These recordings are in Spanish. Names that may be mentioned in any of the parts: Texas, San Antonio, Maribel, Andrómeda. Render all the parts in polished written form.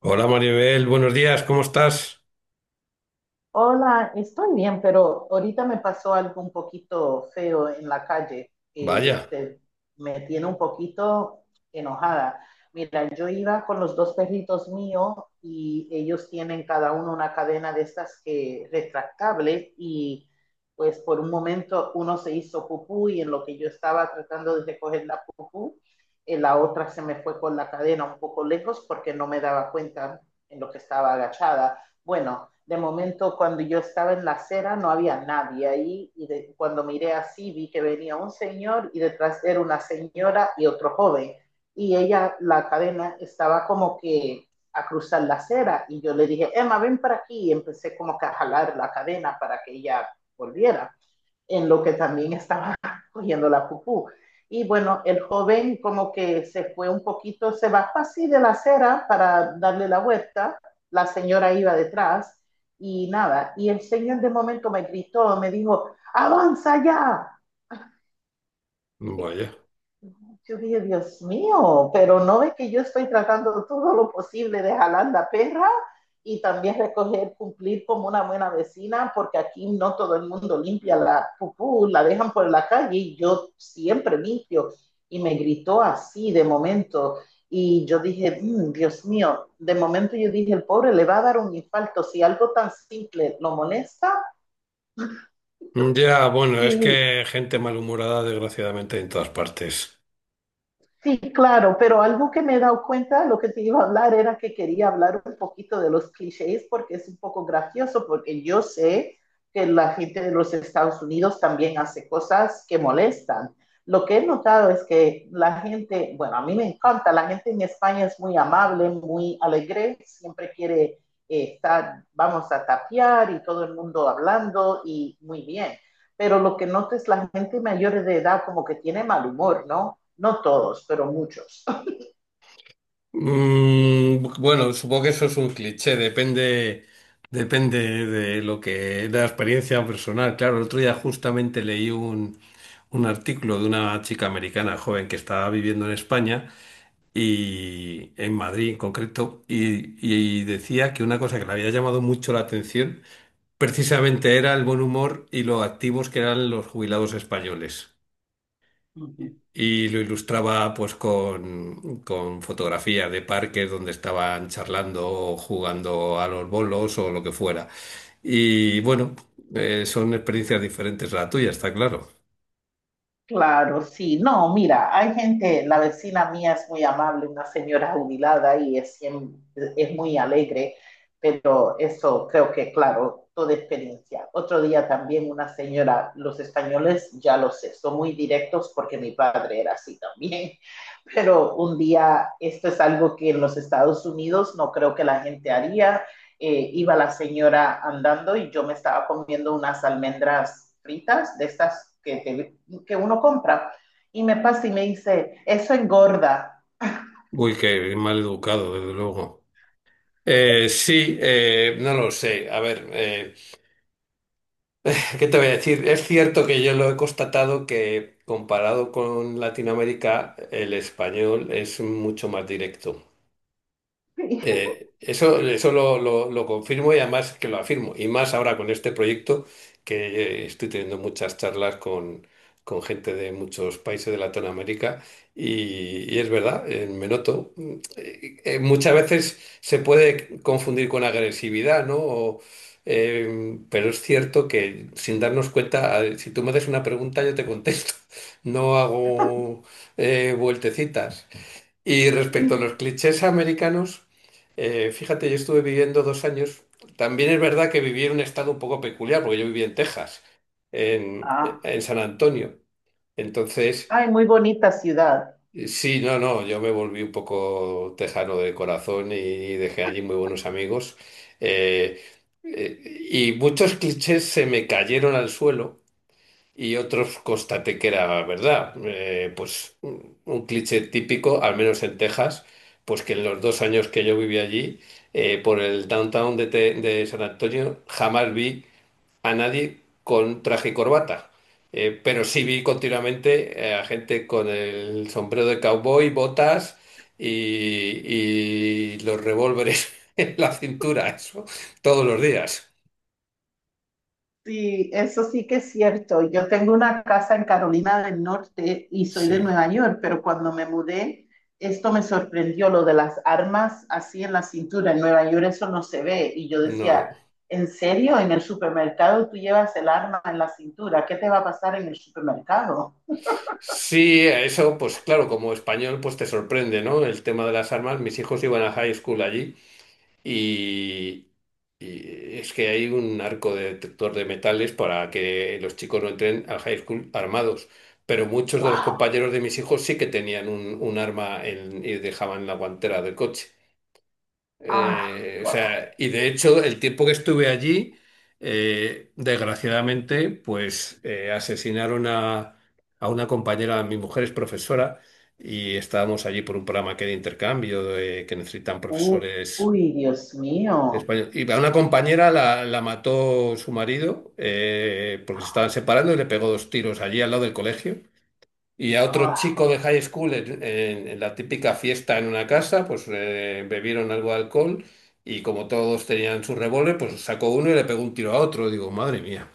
Hola Maribel, buenos días, ¿cómo estás? Hola, estoy bien, pero ahorita me pasó algo un poquito feo en la calle que Vaya, te- me tiene un poquito enojada. Mira, yo iba con los dos perritos míos y ellos tienen cada uno una cadena de estas que retractable, y pues por un momento uno se hizo pupú, y en lo que yo estaba tratando de recoger la pupú, la otra se me fue con la cadena un poco lejos porque no me daba cuenta en lo que estaba agachada. Bueno, de momento cuando yo estaba en la acera no había nadie ahí, y de, cuando miré así vi que venía un señor y detrás era una señora y otro joven, y ella, la cadena estaba como que a cruzar la acera, y yo le dije, Emma, ven para aquí, y empecé como que a jalar la cadena para que ella volviera, en lo que también estaba cogiendo la pupú. Y bueno, el joven como que se fue un poquito, se bajó así de la acera para darle la vuelta, la señora iba detrás, y nada, y el señor de momento me gritó, me dijo, avanza ya. vaya. Yo dije, Dios mío, pero no ve que yo estoy tratando todo lo posible de jalar la perra y también recoger, cumplir como una buena vecina, porque aquí no todo el mundo limpia la pupú, la dejan por la calle y yo siempre limpio. Y me gritó así de momento. Y yo dije, "Mm, Dios mío", de momento yo dije, el pobre le va a dar un infarto si algo tan simple lo molesta. Ya, bueno, es Y que gente malhumorada desgraciadamente en todas partes. sí, claro, pero algo que me he dado cuenta, lo que te iba a hablar era que quería hablar un poquito de los clichés, porque es un poco gracioso, porque yo sé que la gente de los Estados Unidos también hace cosas que molestan. Lo que he notado es que la gente, bueno, a mí me encanta, la gente en España es muy amable, muy alegre, siempre quiere estar, vamos a tapear y todo el mundo hablando y muy bien, pero lo que noto es la gente mayor de edad como que tiene mal humor, ¿no? No todos, pero muchos. Bueno, supongo que eso es un cliché, depende, depende de de la experiencia personal. Claro, el otro día justamente leí un artículo de una chica americana joven que estaba viviendo en España y en Madrid en concreto, y decía que una cosa que le había llamado mucho la atención precisamente era el buen humor y lo activos que eran los jubilados españoles. Uh-huh. Y lo ilustraba pues con fotografías de parques donde estaban charlando o jugando a los bolos o lo que fuera. Y bueno, son experiencias diferentes a la tuya, está claro. Claro, sí. No, mira, hay gente, la vecina mía es muy amable, una señora jubilada y es, siem- es muy alegre, pero eso creo que, claro, toda experiencia. Otro día también una señora, los españoles, ya lo sé, son muy directos porque mi padre era así también, pero un día, esto es algo que en los Estados Unidos no creo que la gente haría, iba la señora andando y yo me estaba comiendo unas almendras fritas de estas que, te, que uno compra. Y me pasa y me dice, eso engorda. Uy, qué mal educado, desde luego. Sí, no lo sé. A ver, ¿qué te voy a decir? Es cierto que yo lo he constatado que comparado con Latinoamérica, el español es mucho más directo. Lo confirmo y además que lo afirmo. Y más ahora con este proyecto que estoy teniendo muchas charlas con gente de muchos países de Latinoamérica y es verdad, me noto. Muchas veces se puede confundir con agresividad, ¿no? Pero es cierto que sin darnos cuenta, a si tú me haces una pregunta, yo te contesto. No hago vueltecitas. Y respecto a los clichés americanos, fíjate, yo estuve viviendo dos años. También es verdad que viví en un estado un poco peculiar, porque yo viví en Texas, Ah, en San Antonio. Entonces, ay, muy bonita ciudad. sí, no, yo me volví un poco tejano de corazón y dejé allí muy buenos amigos. Eh, y muchos clichés se me cayeron al suelo. Y otros constaté que era verdad. Pues un cliché típico, al menos en Texas, pues que en los dos años que yo viví allí, por el downtown de San Antonio, jamás vi a nadie con traje y corbata. Pero sí vi continuamente a gente con el sombrero de cowboy, botas y, y los revólveres en la cintura, eso, todos los días. Sí, eso sí que es cierto. Yo tengo una casa en Carolina del Norte y soy de Sí. Nueva York, pero cuando me mudé, esto me sorprendió, lo de las armas así en la cintura. En Nueva York eso no se ve. Y yo decía, No. ¿en serio? En el supermercado tú llevas el arma en la cintura. ¿Qué te va a pasar en el supermercado? Sí, eso, pues claro, como español, pues te sorprende, ¿no? El tema de las armas. Mis hijos iban a high school allí y, y es que hay un arco de detector de metales para que los chicos no entren al high school armados. Pero muchos de los ¡Wow! compañeros de mis hijos sí que tenían un arma y dejaban en la guantera del coche. ¡Ah! O ¡Wow! sea, y de hecho, el tiempo que estuve allí, desgraciadamente, pues asesinaron a una compañera, mi mujer es profesora, y estábamos allí por un programa que hay de intercambio, que necesitan profesores ¡Uy, Dios de mío! español. Y a una compañera la mató su marido, porque se estaban separando y le pegó dos tiros allí al lado del colegio. Y a otro ¡Ah! chico de high school en la típica fiesta en una casa, pues bebieron algo de alcohol y como todos tenían su revólver, pues sacó uno y le pegó un tiro a otro. Digo, madre mía.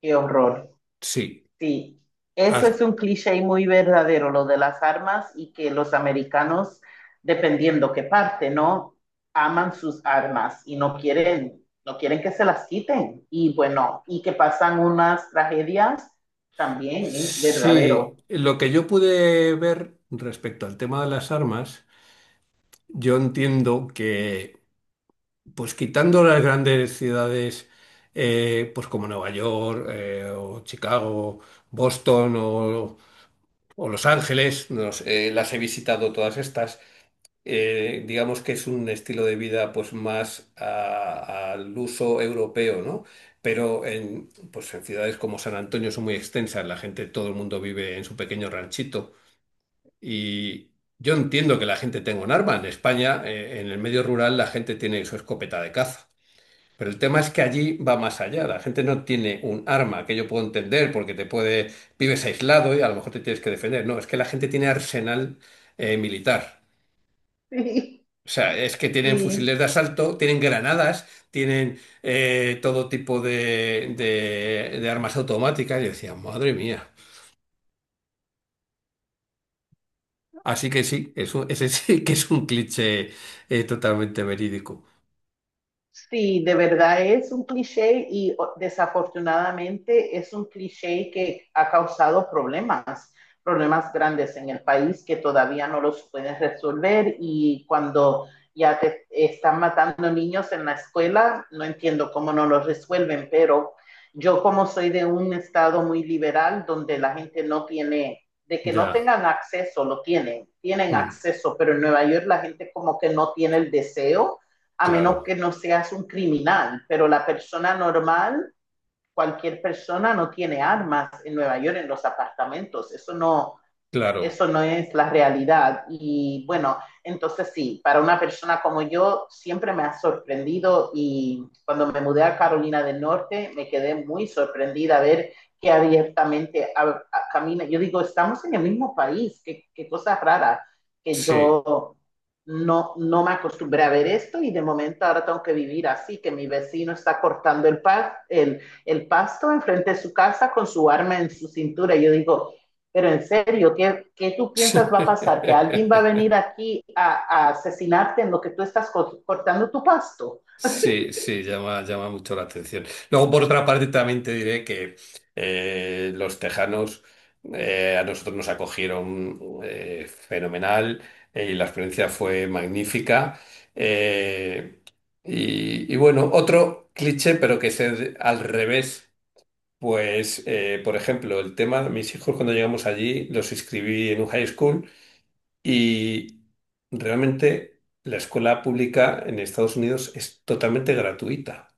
¡Qué horror! Sí. Sí, eso As- es un cliché muy verdadero, lo de las armas y que los americanos, dependiendo qué parte, ¿no? Aman sus armas y no quieren, no quieren que se las quiten. Y bueno, y que pasan unas tragedias, también es sí, verdadero. lo que yo pude ver respecto al tema de las armas, yo entiendo que, pues quitando las grandes ciudades, pues como Nueva York o Chicago, Boston o Los Ángeles, no sé, las he visitado todas estas. Digamos que es un estilo de vida pues más al uso europeo, ¿no? Pero pues en ciudades como San Antonio son muy extensas, la gente, todo el mundo vive en su pequeño ranchito y yo entiendo que la gente tenga un arma. En España, en el medio rural, la gente tiene su escopeta de caza. Pero el tema es que allí va más allá. La gente no tiene un arma que yo puedo entender porque te puede, vives aislado y a lo mejor te tienes que defender. No, es que la gente tiene arsenal militar. Sí, O sea, es que tienen fusiles sí. de asalto, tienen granadas, tienen todo tipo de armas automáticas. Y yo decía, madre mía. Así que sí, ese sí que es un cliché totalmente verídico. Sí, de verdad es un cliché y o- desafortunadamente es un cliché que ha causado problemas, problemas grandes en el país que todavía no los pueden resolver, y cuando ya te están matando niños en la escuela, no entiendo cómo no los resuelven. Pero yo como soy de un estado muy liberal donde la gente no tiene, de que no Ya. tengan acceso, lo tienen, tienen Mm, acceso, pero en Nueva York la gente como que no tiene el deseo, a menos claro, que no seas un criminal, pero la persona normal, cualquier persona no tiene armas en Nueva York, en los apartamentos, claro. eso no es la realidad. Y bueno, entonces sí, para una persona como yo siempre me ha sorprendido, y cuando me mudé a Carolina del Norte me quedé muy sorprendida a ver que abiertamente a, camina. Yo digo, estamos en el mismo país, qué, qué cosa rara, que Sí. yo no, no me acostumbré a ver esto, y de momento ahora tengo que vivir así, que mi vecino está cortando el, pa el pasto enfrente de su casa con su arma en su cintura. Yo digo, pero en serio, ¿qué, qué tú piensas va a pasar? ¿Que alguien va a venir aquí a asesinarte en lo que tú estás cortando tu pasto? Sí, sí, llama, llama mucho la atención. Luego, por otra parte, también te diré que los tejanos a nosotros nos acogieron fenomenal, y la experiencia fue magnífica. Eh, y, y bueno, otro cliché, pero que es al revés, pues, por ejemplo, el tema, mis hijos cuando llegamos allí los inscribí en un high school. Y realmente la escuela pública en Estados Unidos es totalmente gratuita.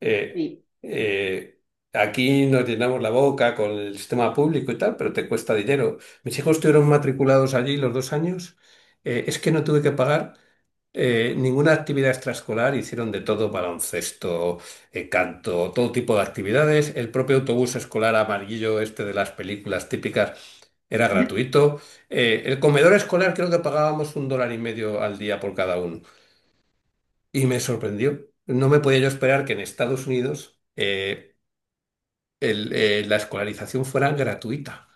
Eh, Sí. eh, Aquí nos llenamos la boca con el sistema público y tal, pero te cuesta dinero. Mis hijos estuvieron matriculados allí los dos años. Es que no tuve que pagar ninguna actividad extraescolar, hicieron de todo, baloncesto, canto, todo tipo de actividades. El propio autobús escolar amarillo, este de las películas típicas, era gratuito. El comedor escolar creo que pagábamos un dólar y medio al día por cada uno. Y me sorprendió. No me podía yo esperar que en Estados Unidos la escolarización fuera gratuita.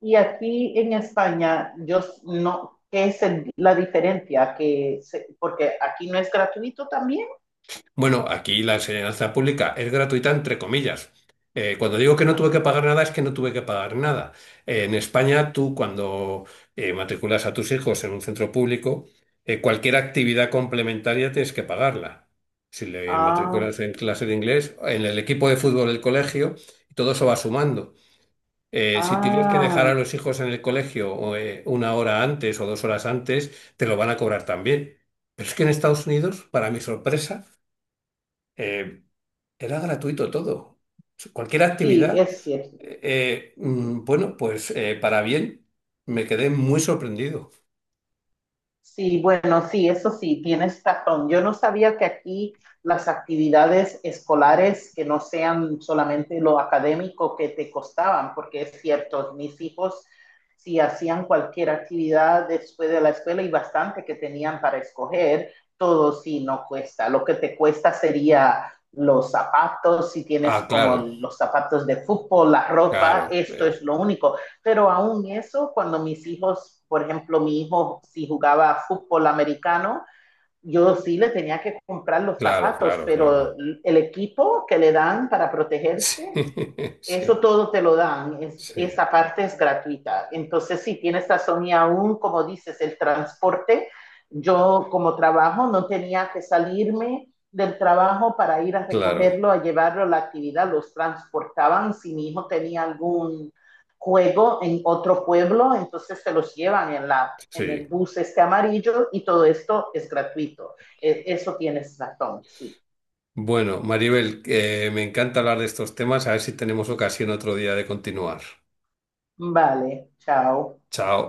Y aquí en España, yo no, ¿qué es el- la diferencia? Que se- porque aquí no es gratuito también. Bueno, aquí la enseñanza pública es gratuita entre comillas. Cuando digo que no tuve que pagar nada es que no tuve que pagar nada. En España tú cuando matriculas a tus hijos en un centro público, cualquier actividad complementaria tienes que pagarla. Si le Ah, matriculas en clase de inglés, en el equipo de fútbol del colegio, todo eso va sumando. Si tienes que dejar ah, a los hijos en el colegio o, una hora antes o dos horas antes, te lo van a cobrar también. Pero es que en Estados Unidos, para mi sorpresa, eh, era gratuito todo. Cualquier sí, actividad. es cierto. Sí. Bueno, pues para bien, me quedé muy sorprendido. Sí, bueno, sí, eso sí, tienes razón. Yo no sabía que aquí las actividades escolares que no sean solamente lo académico que te costaban, porque es cierto, mis hijos si hacían cualquier actividad después de la escuela, y bastante que tenían para escoger, todo sí no cuesta. Lo que te cuesta sería los zapatos, si tienes Ah, como claro, los zapatos de fútbol, la ropa, claro, esto es lo único. Pero aún eso, cuando mis hijos, por ejemplo, mi hijo, si jugaba fútbol americano, yo sí le tenía que comprar los claro, zapatos, claro, pero claro. el equipo que le dan para protegerse, Sí, eso sí, todo te lo dan, es, sí, esa parte es gratuita. Entonces, si tienes razón, y aún, como dices, el transporte, yo como trabajo no tenía que salirme del trabajo para ir a claro, recogerlo, a llevarlo a la actividad, los transportaban. Si mi hijo tenía algún juego en otro pueblo, entonces se los llevan en, la, en el sí. bus este amarillo, y todo esto es gratuito. E, eso tienes razón, sí. Bueno, Maribel, me encanta hablar de estos temas. A ver si tenemos ocasión otro día de continuar. Vale, chao. Chao.